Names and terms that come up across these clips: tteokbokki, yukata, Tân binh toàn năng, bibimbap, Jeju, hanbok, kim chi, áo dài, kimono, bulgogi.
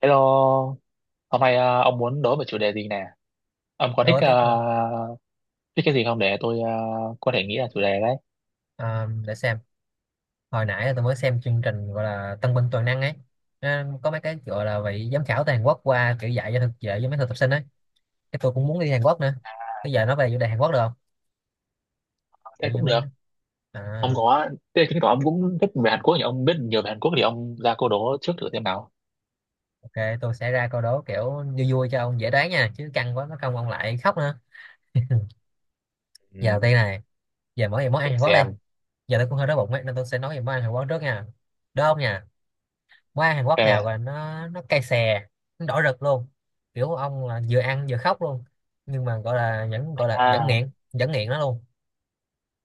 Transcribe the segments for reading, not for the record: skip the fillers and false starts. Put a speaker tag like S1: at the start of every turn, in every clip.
S1: Hello, hôm nay ông muốn đối một chủ đề gì nè? Ông có thích
S2: Đố tiếp ha.
S1: uh, thích cái gì không để tôi có thể nghĩ là chủ đề đấy?
S2: Để xem, hồi nãy là tôi mới xem chương trình gọi là Tân binh toàn năng ấy. Nó có mấy cái gọi là vị giám khảo từ Hàn Quốc qua, kiểu dạy cho mấy thực tập sinh ấy. Cái tôi cũng muốn đi Hàn Quốc nữa. Bây giờ nó về chủ đề Hàn Quốc được không?
S1: Thế
S2: Kiểu như
S1: cũng
S2: mấy...
S1: được.
S2: à,
S1: Ông có, Thế chứng tỏ ông cũng thích về Hàn Quốc nhỉ? Ông biết nhiều về Hàn Quốc thì ông ra câu đố trước thử xem nào.
S2: OK, tôi sẽ ra câu đố kiểu vui vui cho ông dễ đoán nha, chứ căng quá nó không ông lại khóc nữa. Giờ đầu
S1: Ừ,
S2: tiên này, giờ mỗi về món
S1: để
S2: ăn Hàn Quốc đi.
S1: xem.
S2: Giờ tôi cũng hơi đói bụng ấy, nên tôi sẽ nói về món ăn Hàn Quốc trước nha. Đúng không nhỉ? Qua Hàn Quốc nào
S1: Ok.
S2: gọi là nó cay xè, nó đỏ rực luôn, kiểu ông là vừa ăn vừa khóc luôn, nhưng mà gọi là
S1: À,
S2: vẫn nghiện nó luôn.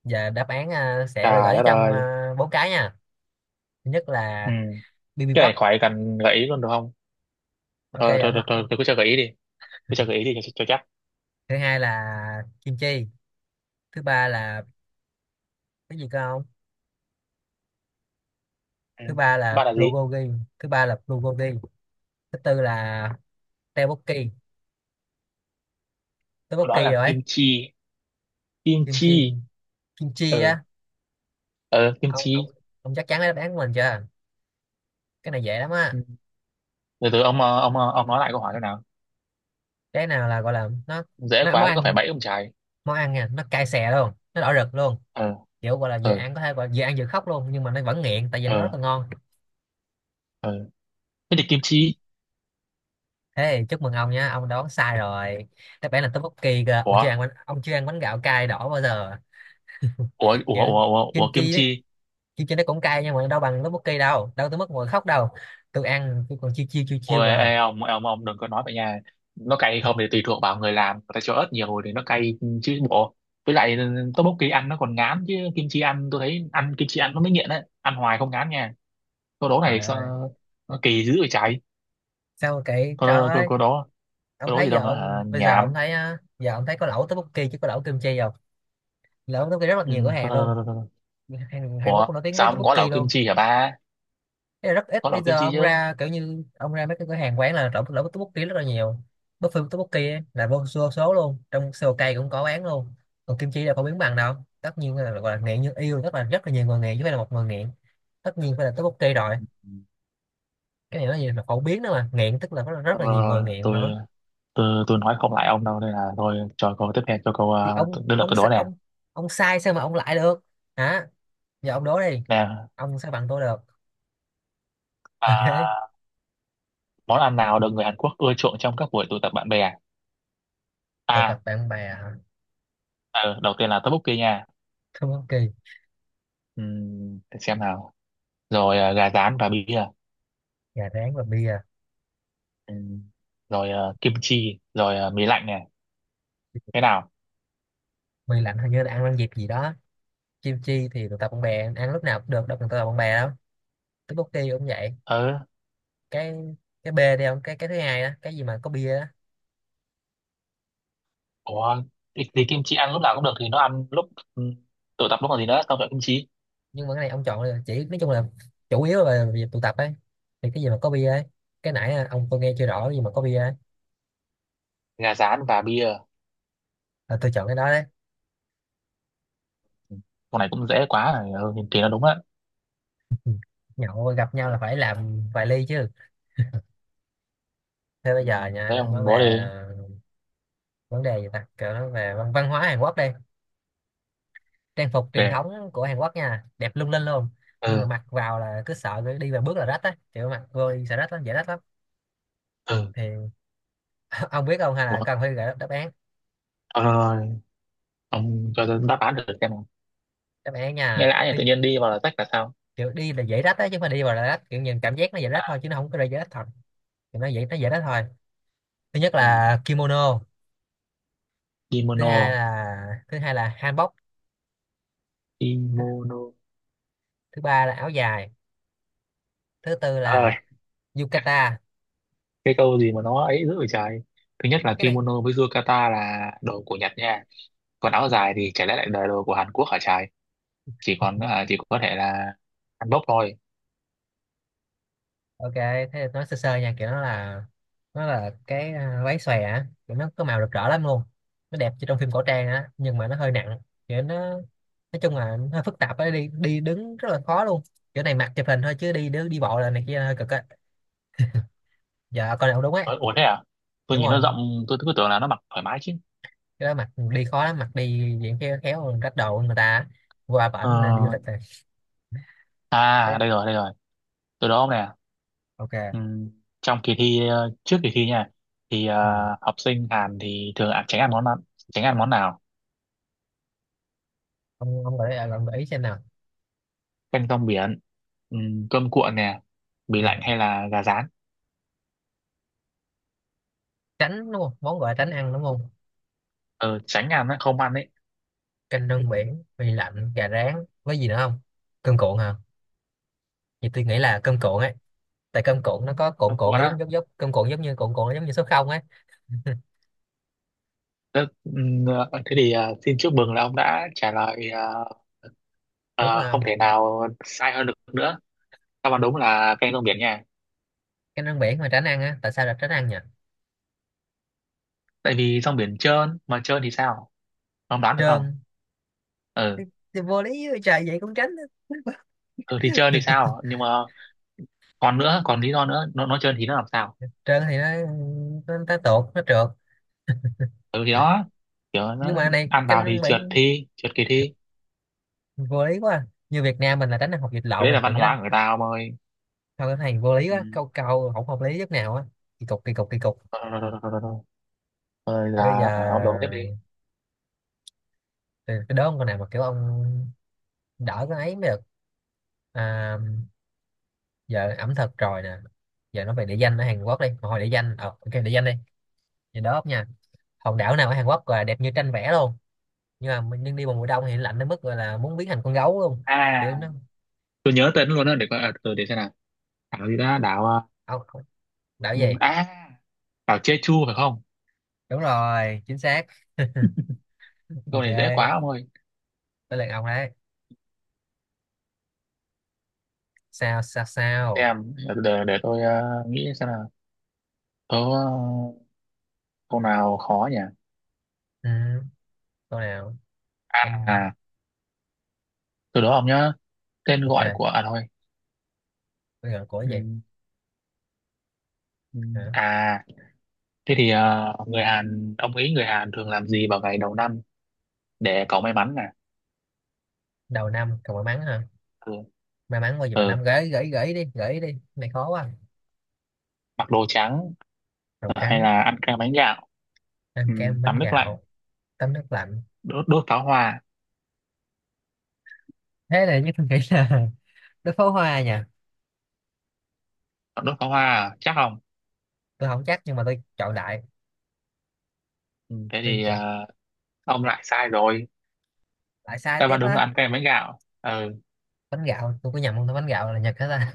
S2: Và đáp án sẽ là
S1: trời
S2: gửi
S1: đất
S2: trong
S1: ơi.
S2: bốn cái nha. Thứ nhất
S1: Ừ.
S2: là
S1: Cái này
S2: bibimbap.
S1: khỏi cần gợi ý luôn được không? Thôi,
S2: OK
S1: thôi,
S2: giọng
S1: thôi,
S2: nó
S1: thôi,
S2: không.
S1: tôi cứ cho gợi ý đi. Tôi cho gợi ý đi cho chắc.
S2: Thứ hai là kim chi. Thứ ba là... cái gì cơ không.
S1: Ừ.
S2: thứ ba là
S1: Bạn là gì?
S2: bulgogi thứ ba là bulgogi Thứ tư là tteokbokki.
S1: Đó
S2: Tteokbokki
S1: là
S2: rồi.
S1: kim chi. Kim
S2: Kim chi.
S1: chi.
S2: Kim chi á.
S1: Ừ, ừ, kim
S2: ông ông
S1: chi.
S2: ông chắc chắn lấy đáp án của mình chưa? Cái này dễ lắm á.
S1: Ừ. Từ từ, ông ông nói lại câu hỏi thế nào,
S2: Cái nào là gọi là nó,
S1: dễ
S2: nó món
S1: quá có phải
S2: ăn,
S1: bẫy ông trời.
S2: món ăn nha, nó cay xè luôn, nó đỏ rực luôn,
S1: Ờ.
S2: kiểu gọi là vừa
S1: Ờ.
S2: ăn có thể gọi là vừa ăn vừa khóc luôn nhưng mà nó vẫn nghiện tại vì nó rất
S1: Ờ.
S2: là ngon.
S1: Ờ. Thế thì kim chi.
S2: Thế thì chúc mừng ông nha, ông đoán sai rồi. Đáp án là tteokbokki cơ.
S1: Ủa,
S2: Ông chưa ăn bánh gạo cay đỏ bao giờ.
S1: ủa, ủa,
S2: Kiểu
S1: ủa, ủa,
S2: kim
S1: ủa kim
S2: chi đấy,
S1: chi.
S2: kim chi nó cũng cay nhưng mà đâu bằng tteokbokki, đâu đâu tới mức ngồi khóc đâu. Tôi ăn tôi còn chiêu chiêu chiêu
S1: Ủa,
S2: chiêu mà.
S1: ê, ông đừng có nói vậy nha. Nó cay không thì tùy thuộc vào người làm, người ta cho ớt nhiều thì nó cay chứ bộ. Với lại tteokbokki ăn nó còn ngán, chứ kim chi ăn tôi thấy, ăn kim chi ăn nó mới nghiện đấy, ăn hoài không ngán nha. Câu đố này
S2: Trời
S1: sao
S2: ơi,
S1: nó kỳ dữ vậy trời.
S2: sao mà kỹ trời
S1: câu câu,
S2: ơi.
S1: câu đố,
S2: Ông
S1: câu đố gì
S2: thấy
S1: đâu
S2: giờ
S1: mà
S2: ông
S1: hả?
S2: Bây giờ ông
S1: Nhảm.
S2: thấy á, giờ ông thấy có lẩu tteokbokki chứ có lẩu kim chi không? Lẩu tteokbokki rất là
S1: Ừ.
S2: nhiều cửa
S1: Thôi,
S2: hàng
S1: thôi,
S2: luôn.
S1: thôi, thôi, thôi.
S2: Hàn Quốc
S1: Ủa
S2: cũng nổi tiếng với
S1: sao ông gói
S2: tteokbokki
S1: lẩu kim
S2: luôn.
S1: chi hả ba,
S2: Thế là rất ít,
S1: có nấu
S2: bây
S1: kim
S2: giờ
S1: chi
S2: ông
S1: chứ.
S2: ra kiểu như ông ra mấy cái cửa hàng quán là trộn lẩu với tteokbokki rất là nhiều. Buffet tteokbokki ấy, là vô số luôn, trong Seoul cũng có bán luôn. Còn kim chi là không biến bằng đâu. Tất nhiên là gọi là nghiện như yêu, rất là nhiều người nghiện chứ không phải là một người nghiện. Tất nhiên phải là tteokbokki rồi.
S1: Ừ.
S2: Cái này nó gì mà phổ biến nữa mà nghiện, tức là rất, là, rất
S1: Ờ,
S2: là nhiều người nghiện
S1: tôi
S2: nữa.
S1: tôi nói không lại ông đâu, nên là thôi cho câu tiếp theo, cho câu
S2: Thì ông
S1: đứa lượt
S2: ông
S1: tôi đố
S2: sa-
S1: nè.
S2: ông ông sai sao mà ông lại được. Hả? Giờ ông đố đi.
S1: Nè,
S2: Ông sao bằng tôi được. OK.
S1: à, món ăn nào được người Hàn Quốc ưa chuộng trong các buổi tụ tập bạn bè?
S2: Tụ
S1: À,
S2: tập bạn bè.
S1: ờ, đầu tiên là tteokbokki nha.
S2: Tteokbokki.
S1: Để xem nào, rồi gà rán và bia.
S2: Gà rán và bia.
S1: Ừm, Rồi kim chi, rồi mì lạnh nè. Thế nào?
S2: Bia lạnh hình như là ăn ăn dịp gì đó. Chim chi thì tụ tập bạn bè ăn lúc nào cũng được, đâu cần tụ tập bạn bè đâu. Tteokbokki cũng vậy.
S1: Ờ.
S2: Cái cái bê đi ông, cái thứ hai đó, cái gì mà có bia đó.
S1: Ủa, thì kim chi ăn lúc nào cũng được, thì nó ăn lúc, ừm, tụ tập lúc còn gì nữa, xong rồi kim chi,
S2: Nhưng mà cái này ông chọn là chỉ nói chung là chủ yếu là về việc tụ tập ấy, thì cái gì mà có bia ấy. Cái nãy ông, tôi nghe chưa rõ, cái gì mà có bia ấy
S1: gà rán và bia.
S2: là tôi chọn cái đó đấy.
S1: Ừm, con này cũng dễ quá rồi, ừ, thì nó đúng á.
S2: Nhậu gặp nhau là phải làm vài ly chứ. Thế bây
S1: Ừ,
S2: giờ nha,
S1: thế
S2: để nói
S1: ông đố đi.
S2: về vấn đề gì ta, kiểu nói về văn hóa Hàn Quốc đi. Trang phục truyền
S1: Để.
S2: thống của Hàn Quốc nha, đẹp lung linh luôn, nhưng mà
S1: Ừ.
S2: mặc vào là cứ sợ đi vài bước là rách á, kiểu mặc vô đi sợ rách lắm, dễ rách lắm.
S1: Ừ.
S2: Thì ông biết không, hay
S1: Ủa
S2: là
S1: thôi,
S2: cần phải gợi đáp án?
S1: thôi, thôi. Ông cho tôi đáp án được xem nào,
S2: Đáp án
S1: nghe
S2: nha,
S1: lã này
S2: thì
S1: tự nhiên đi vào là rách là sao.
S2: kiểu đi là dễ rách á chứ không phải đi vào là rách, kiểu nhìn cảm giác nó dễ rách thôi
S1: À,
S2: chứ nó không có ra dễ rách thật. Thì nó dễ, nó dễ rách thôi. Thứ nhất
S1: ừ.
S2: là kimono. thứ
S1: Kimono.
S2: hai là thứ hai là hanbok.
S1: Kimono
S2: Thứ ba là áo dài. Thứ tư
S1: rồi.
S2: là yukata.
S1: Cái câu gì mà nó ấy dữ vậy trời. Thứ nhất
S2: Thì
S1: là
S2: cái này...
S1: kimono với yukata là đồ của Nhật nha, còn áo dài thì chả lẽ lại là đồ của Hàn Quốc hả trời. Chỉ có thể là Hàn Quốc thôi.
S2: OK thế thì nói sơ sơ nha, kiểu nó là, nó là cái váy xòe á, kiểu nó có màu rực rỡ lắm luôn, nó đẹp như trong phim cổ trang á nhưng mà nó hơi nặng, kiểu nó, nói chung là nó hơi phức tạp á, đi đi đứng rất là khó luôn, kiểu này mặc chụp hình thôi chứ đi đứng đi bộ là này kia hơi cực á. Giờ con nào đúng ấy?
S1: Ờ, ủa thế à, tôi
S2: Đúng
S1: nhìn
S2: rồi,
S1: nó rộng tôi cứ tưởng là nó mặc thoải mái chứ.
S2: cái đó mặc đi khó lắm, mặc đi diện khéo khéo rách đồ người ta á. Qua bển đi du
S1: Ờ.
S2: lịch rồi. Thế.
S1: À đây rồi đây rồi, tôi đố ông nè. Ừ.
S2: OK.
S1: Trong kỳ thi ờ, Trước kỳ thi nha, thì
S2: Ừ.
S1: học sinh Hàn thì thường ăn, tránh ăn món nào, tránh ăn món nào?
S2: ông gợi ý xem nào.
S1: Canh rong biển, ừ, cơm cuộn nè, bì lạnh
S2: Ờ,
S1: hay là gà rán.
S2: Tránh đúng không, món gọi là tránh ăn đúng không?
S1: Ờ, tránh ăn á, không ăn ấy.
S2: Canh rong biển, mì lạnh, gà rán, với gì nữa không, cơm cuộn hả? Thì tôi nghĩ là cơm cuộn ấy, tại cơm cuộn nó có cuộn
S1: Cơm
S2: cuộn, nó
S1: cuộn
S2: giống
S1: á.
S2: giống giống cơm cuộn, giống như cuộn cuộn nó giống như số không ấy.
S1: Thế, ừ, thế thì xin chúc mừng là ông đã trả lời
S2: Đúng
S1: ờ, không
S2: không?
S1: thể nào sai hơn được nữa. Đáp án đúng là canh rong biển nha,
S2: Canh rong biển mà tránh ăn á, tại sao là tránh ăn nhỉ?
S1: tại vì rong biển trơn mà, trơn thì sao, ông đoán được không?
S2: Trơn?
S1: Ừ,
S2: Thì vô lý vậy trời, vậy cũng tránh á.
S1: ừ thì trơn thì sao, nhưng mà còn nữa, còn lý do nữa, nó trơn thì nó làm sao,
S2: Trơn thì nó, tuột, nó trượt.
S1: ừ thì đó, kiểu
S2: Nhưng
S1: nó
S2: mà này,
S1: ăn
S2: canh
S1: vào thì
S2: rong
S1: trượt,
S2: biển
S1: thi trượt kỳ thi.
S2: vô lý quá, như Việt Nam mình là tránh ăn hột vịt
S1: Cái
S2: lộn
S1: đấy là
S2: này tại
S1: văn
S2: nhớ
S1: hóa
S2: nên...
S1: của người ta ông ơi.
S2: Thôi cái này vô lý
S1: Ừ.
S2: quá, câu câu không hợp lý chút nào á. Kỳ cục, kỳ cục, kỳ cục.
S1: Rồi rồi rồi rồi rồi rồi. Rồi
S2: Thế bây
S1: là,
S2: giờ
S1: à, ông đổ tiếp đi.
S2: tôi đố ông con nào mà kiểu ông đỡ cái ấy mới được. à, Giờ ẩm thực rồi nè, giờ nói về địa danh ở Hàn Quốc đi. Mà hồi địa danh OK, địa danh đi. Thì đó nha, hòn đảo nào ở Hàn Quốc là đẹp như tranh vẽ luôn, nhưng mà nhưng đi vào mùa đông thì lạnh đến mức gọi là muốn biến thành con gấu luôn,
S1: À
S2: kiểu nó...
S1: tôi nhớ tên luôn đó, để coi, từ để xem nào, đảo gì đó, đảo à,
S2: ông ông- Đảo
S1: ừ,
S2: gì?
S1: à, đảo Jeju phải không?
S2: Đúng rồi, chính xác.
S1: Câu
S2: OK,
S1: này dễ quá ông ơi.
S2: tới lượt ông đấy. Sao sao sao?
S1: Xem tôi nghĩ xem nào, có câu nào khó nhỉ.
S2: Ừ, câu nào?
S1: À.
S2: Ông...
S1: À, từ đó ông nhớ tên
S2: OK
S1: gọi của, à thôi.
S2: bây giờ của cái
S1: Ừ,
S2: gì?
S1: ừ.
S2: Hả?
S1: À, thế thì người Hàn, ông nghĩ người Hàn thường làm gì vào ngày đầu năm để có may mắn nè?
S2: Đầu năm còn may mắn hả?
S1: Ừ.
S2: May mắn bao giờ, đầu
S1: Ừ.
S2: năm, gửi gửi gửi đi gửi đi. Cái này khó quá.
S1: Mặc đồ trắng,
S2: Màu
S1: ờ, hay
S2: trắng?
S1: là ăn kem bánh gạo, ừ,
S2: Ăn kem bánh
S1: tắm nước lạnh,
S2: gạo? Tắm nước lạnh?
S1: đốt pháo hoa.
S2: Thế này nhất tôi nghĩ là nước pháo hoa nha.
S1: Còn đốt pháo hoa à? Chắc không.
S2: Tôi không chắc nhưng mà tôi chọn đại.
S1: Ừ. Thế
S2: Tôi
S1: thì
S2: chọn
S1: ông lại sai rồi.
S2: đại sai
S1: Đáp
S2: tiếp
S1: án đúng là
S2: á.
S1: ăn kem bánh gạo. Ừ.
S2: Bánh gạo tôi có nhầm không ta, bánh gạo là Nhật hết ta.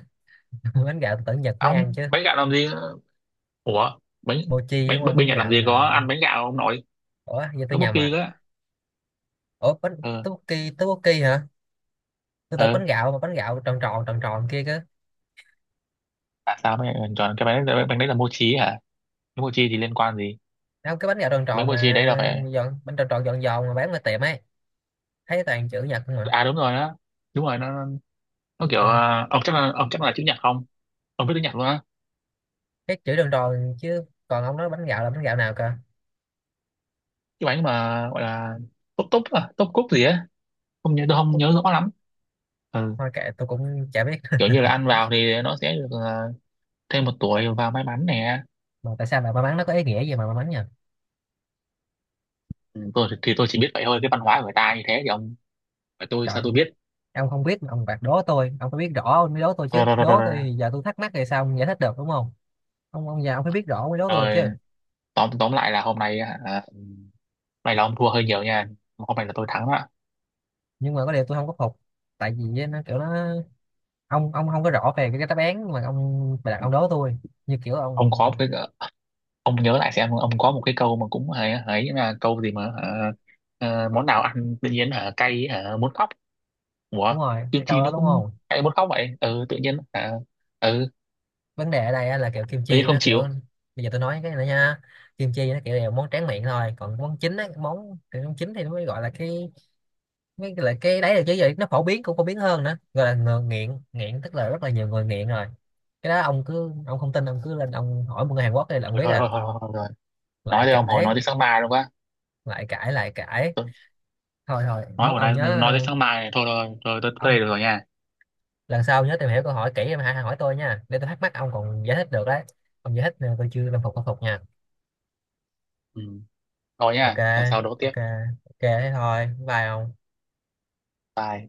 S2: Bánh gạo tôi tưởng Nhật mới
S1: Ông
S2: ăn chứ.
S1: bánh gạo làm gì. Ủa bánh,
S2: Mochi
S1: bánh
S2: đúng
S1: bánh
S2: không,
S1: bánh
S2: bánh
S1: Nhật làm
S2: gạo
S1: gì có
S2: là...
S1: ăn bánh gạo ông nội,
S2: Ủa giờ
S1: có
S2: tôi
S1: bất
S2: nhầm
S1: kỳ
S2: à?
S1: đó.
S2: Ủa bánh...
S1: Ừ.
S2: tteokbokki tteokbokki hả? Tôi tưởng
S1: Ừ.
S2: bánh gạo mà bánh gạo tròn tròn tròn tròn kia cơ.
S1: À sao mày chọn cái bánh đấy là mochi hả, cái mochi thì liên quan gì?
S2: Không, cái bánh gạo tròn
S1: Bánh
S2: tròn
S1: mochi đấy là
S2: mà
S1: phải.
S2: giòn, bánh tròn tròn giòn giòn mà bán ở tiệm ấy, thấy toàn chữ Nhật không mà.
S1: À đúng rồi đó, đúng rồi nó, kiểu
S2: à,
S1: ông chắc là chữ nhật không, ông biết tiếng Nhật luôn á.
S2: cái chữ tròn tròn chứ, còn ông nói bánh gạo là bánh gạo nào cơ?
S1: Cái bánh mà gọi là túp túp, à, túp cúc gì á, không nhớ tôi không nhớ rõ lắm. Ừ.
S2: Thôi kệ tôi cũng chả biết.
S1: Kiểu như là ăn vào thì nó sẽ được, thêm một tuổi và may mắn nè.
S2: Mà tại sao lại may mắn, nó có ý nghĩa gì mà may mắn nhỉ?
S1: Ừ, tôi thì, tôi chỉ biết vậy thôi, cái văn hóa của người ta như thế thì ông, và tôi sao
S2: Trời.
S1: tôi biết.
S2: Ông không biết mà ông bạc đố tôi, ông phải biết rõ ông mới đố tôi chứ,
S1: Rồi, rồi, rồi, rồi.
S2: đố tôi
S1: Rồi.
S2: thì giờ tôi thắc mắc thì sao ông giải thích được, đúng không? Ông già, ông phải biết rõ ông mới đố tôi được
S1: Rồi,
S2: chứ.
S1: tóm tóm lại là hôm nay là ông thua hơi nhiều nha, hôm nay là tôi thắng đó.
S2: Nhưng mà có điều tôi không có phục, tại vì á, nó kiểu nó, ông không có rõ về cái đáp án mà ông bạc
S1: Ừ.
S2: ông đố tôi, như kiểu ông...
S1: ông có một cái ông nhớ lại xem, ông có một cái câu mà cũng ấy ấy, là câu gì mà hả? Ờ, món nào ăn tự nhiên hả cay hả muốn khóc? Ủa,
S2: Đúng rồi,
S1: kim
S2: cái câu
S1: chi
S2: đó
S1: nó
S2: đúng
S1: cũng
S2: không?
S1: chạy muốn khóc vậy. Ừ, tự nhiên à, ừ,
S2: Vấn đề ở đây á là kiểu kim
S1: tự nhiên
S2: chi
S1: không
S2: nó kiểu...
S1: chịu.
S2: bây giờ tôi nói cái này nha, kim chi nó kiểu là món tráng miệng thôi, còn món chính á, món chính thì nó mới gọi là cái... Mấy cái lại cái đấy là chứ, giờ nó phổ biến, cũng phổ biến hơn nữa, gọi là ngờ- nghiện nghiện tức là rất là nhiều người nghiện rồi. Cái đó ông cứ, ông không tin ông cứ lên ông hỏi một người Hàn Quốc thì là ông
S1: Ừ,
S2: biết
S1: thôi
S2: à.
S1: thôi thôi thôi, thôi, rồi. Nói
S2: Lại
S1: đây ông hồi nói
S2: cãi,
S1: tới sáng mai luôn quá.
S2: lại cãi, lại cãi.
S1: Tôi,
S2: Thôi thôi
S1: nói
S2: mốt
S1: hồi
S2: ông
S1: nay
S2: nhớ,
S1: nói tới sáng mai này thôi, rồi, rồi tôi tới đây
S2: ông
S1: được rồi nha.
S2: lần sau nhớ tìm hiểu câu hỏi kỹ em hãy hỏi tôi nha, để tôi thắc mắc ông còn giải thích được đấy. Ông giải thích nè, tôi chưa làm phục, khắc phục nha.
S1: Ừ, thôi
S2: OK.
S1: nha, lần sau đấu tiếp.
S2: OK. OK thế thôi, bye ông.
S1: Bye.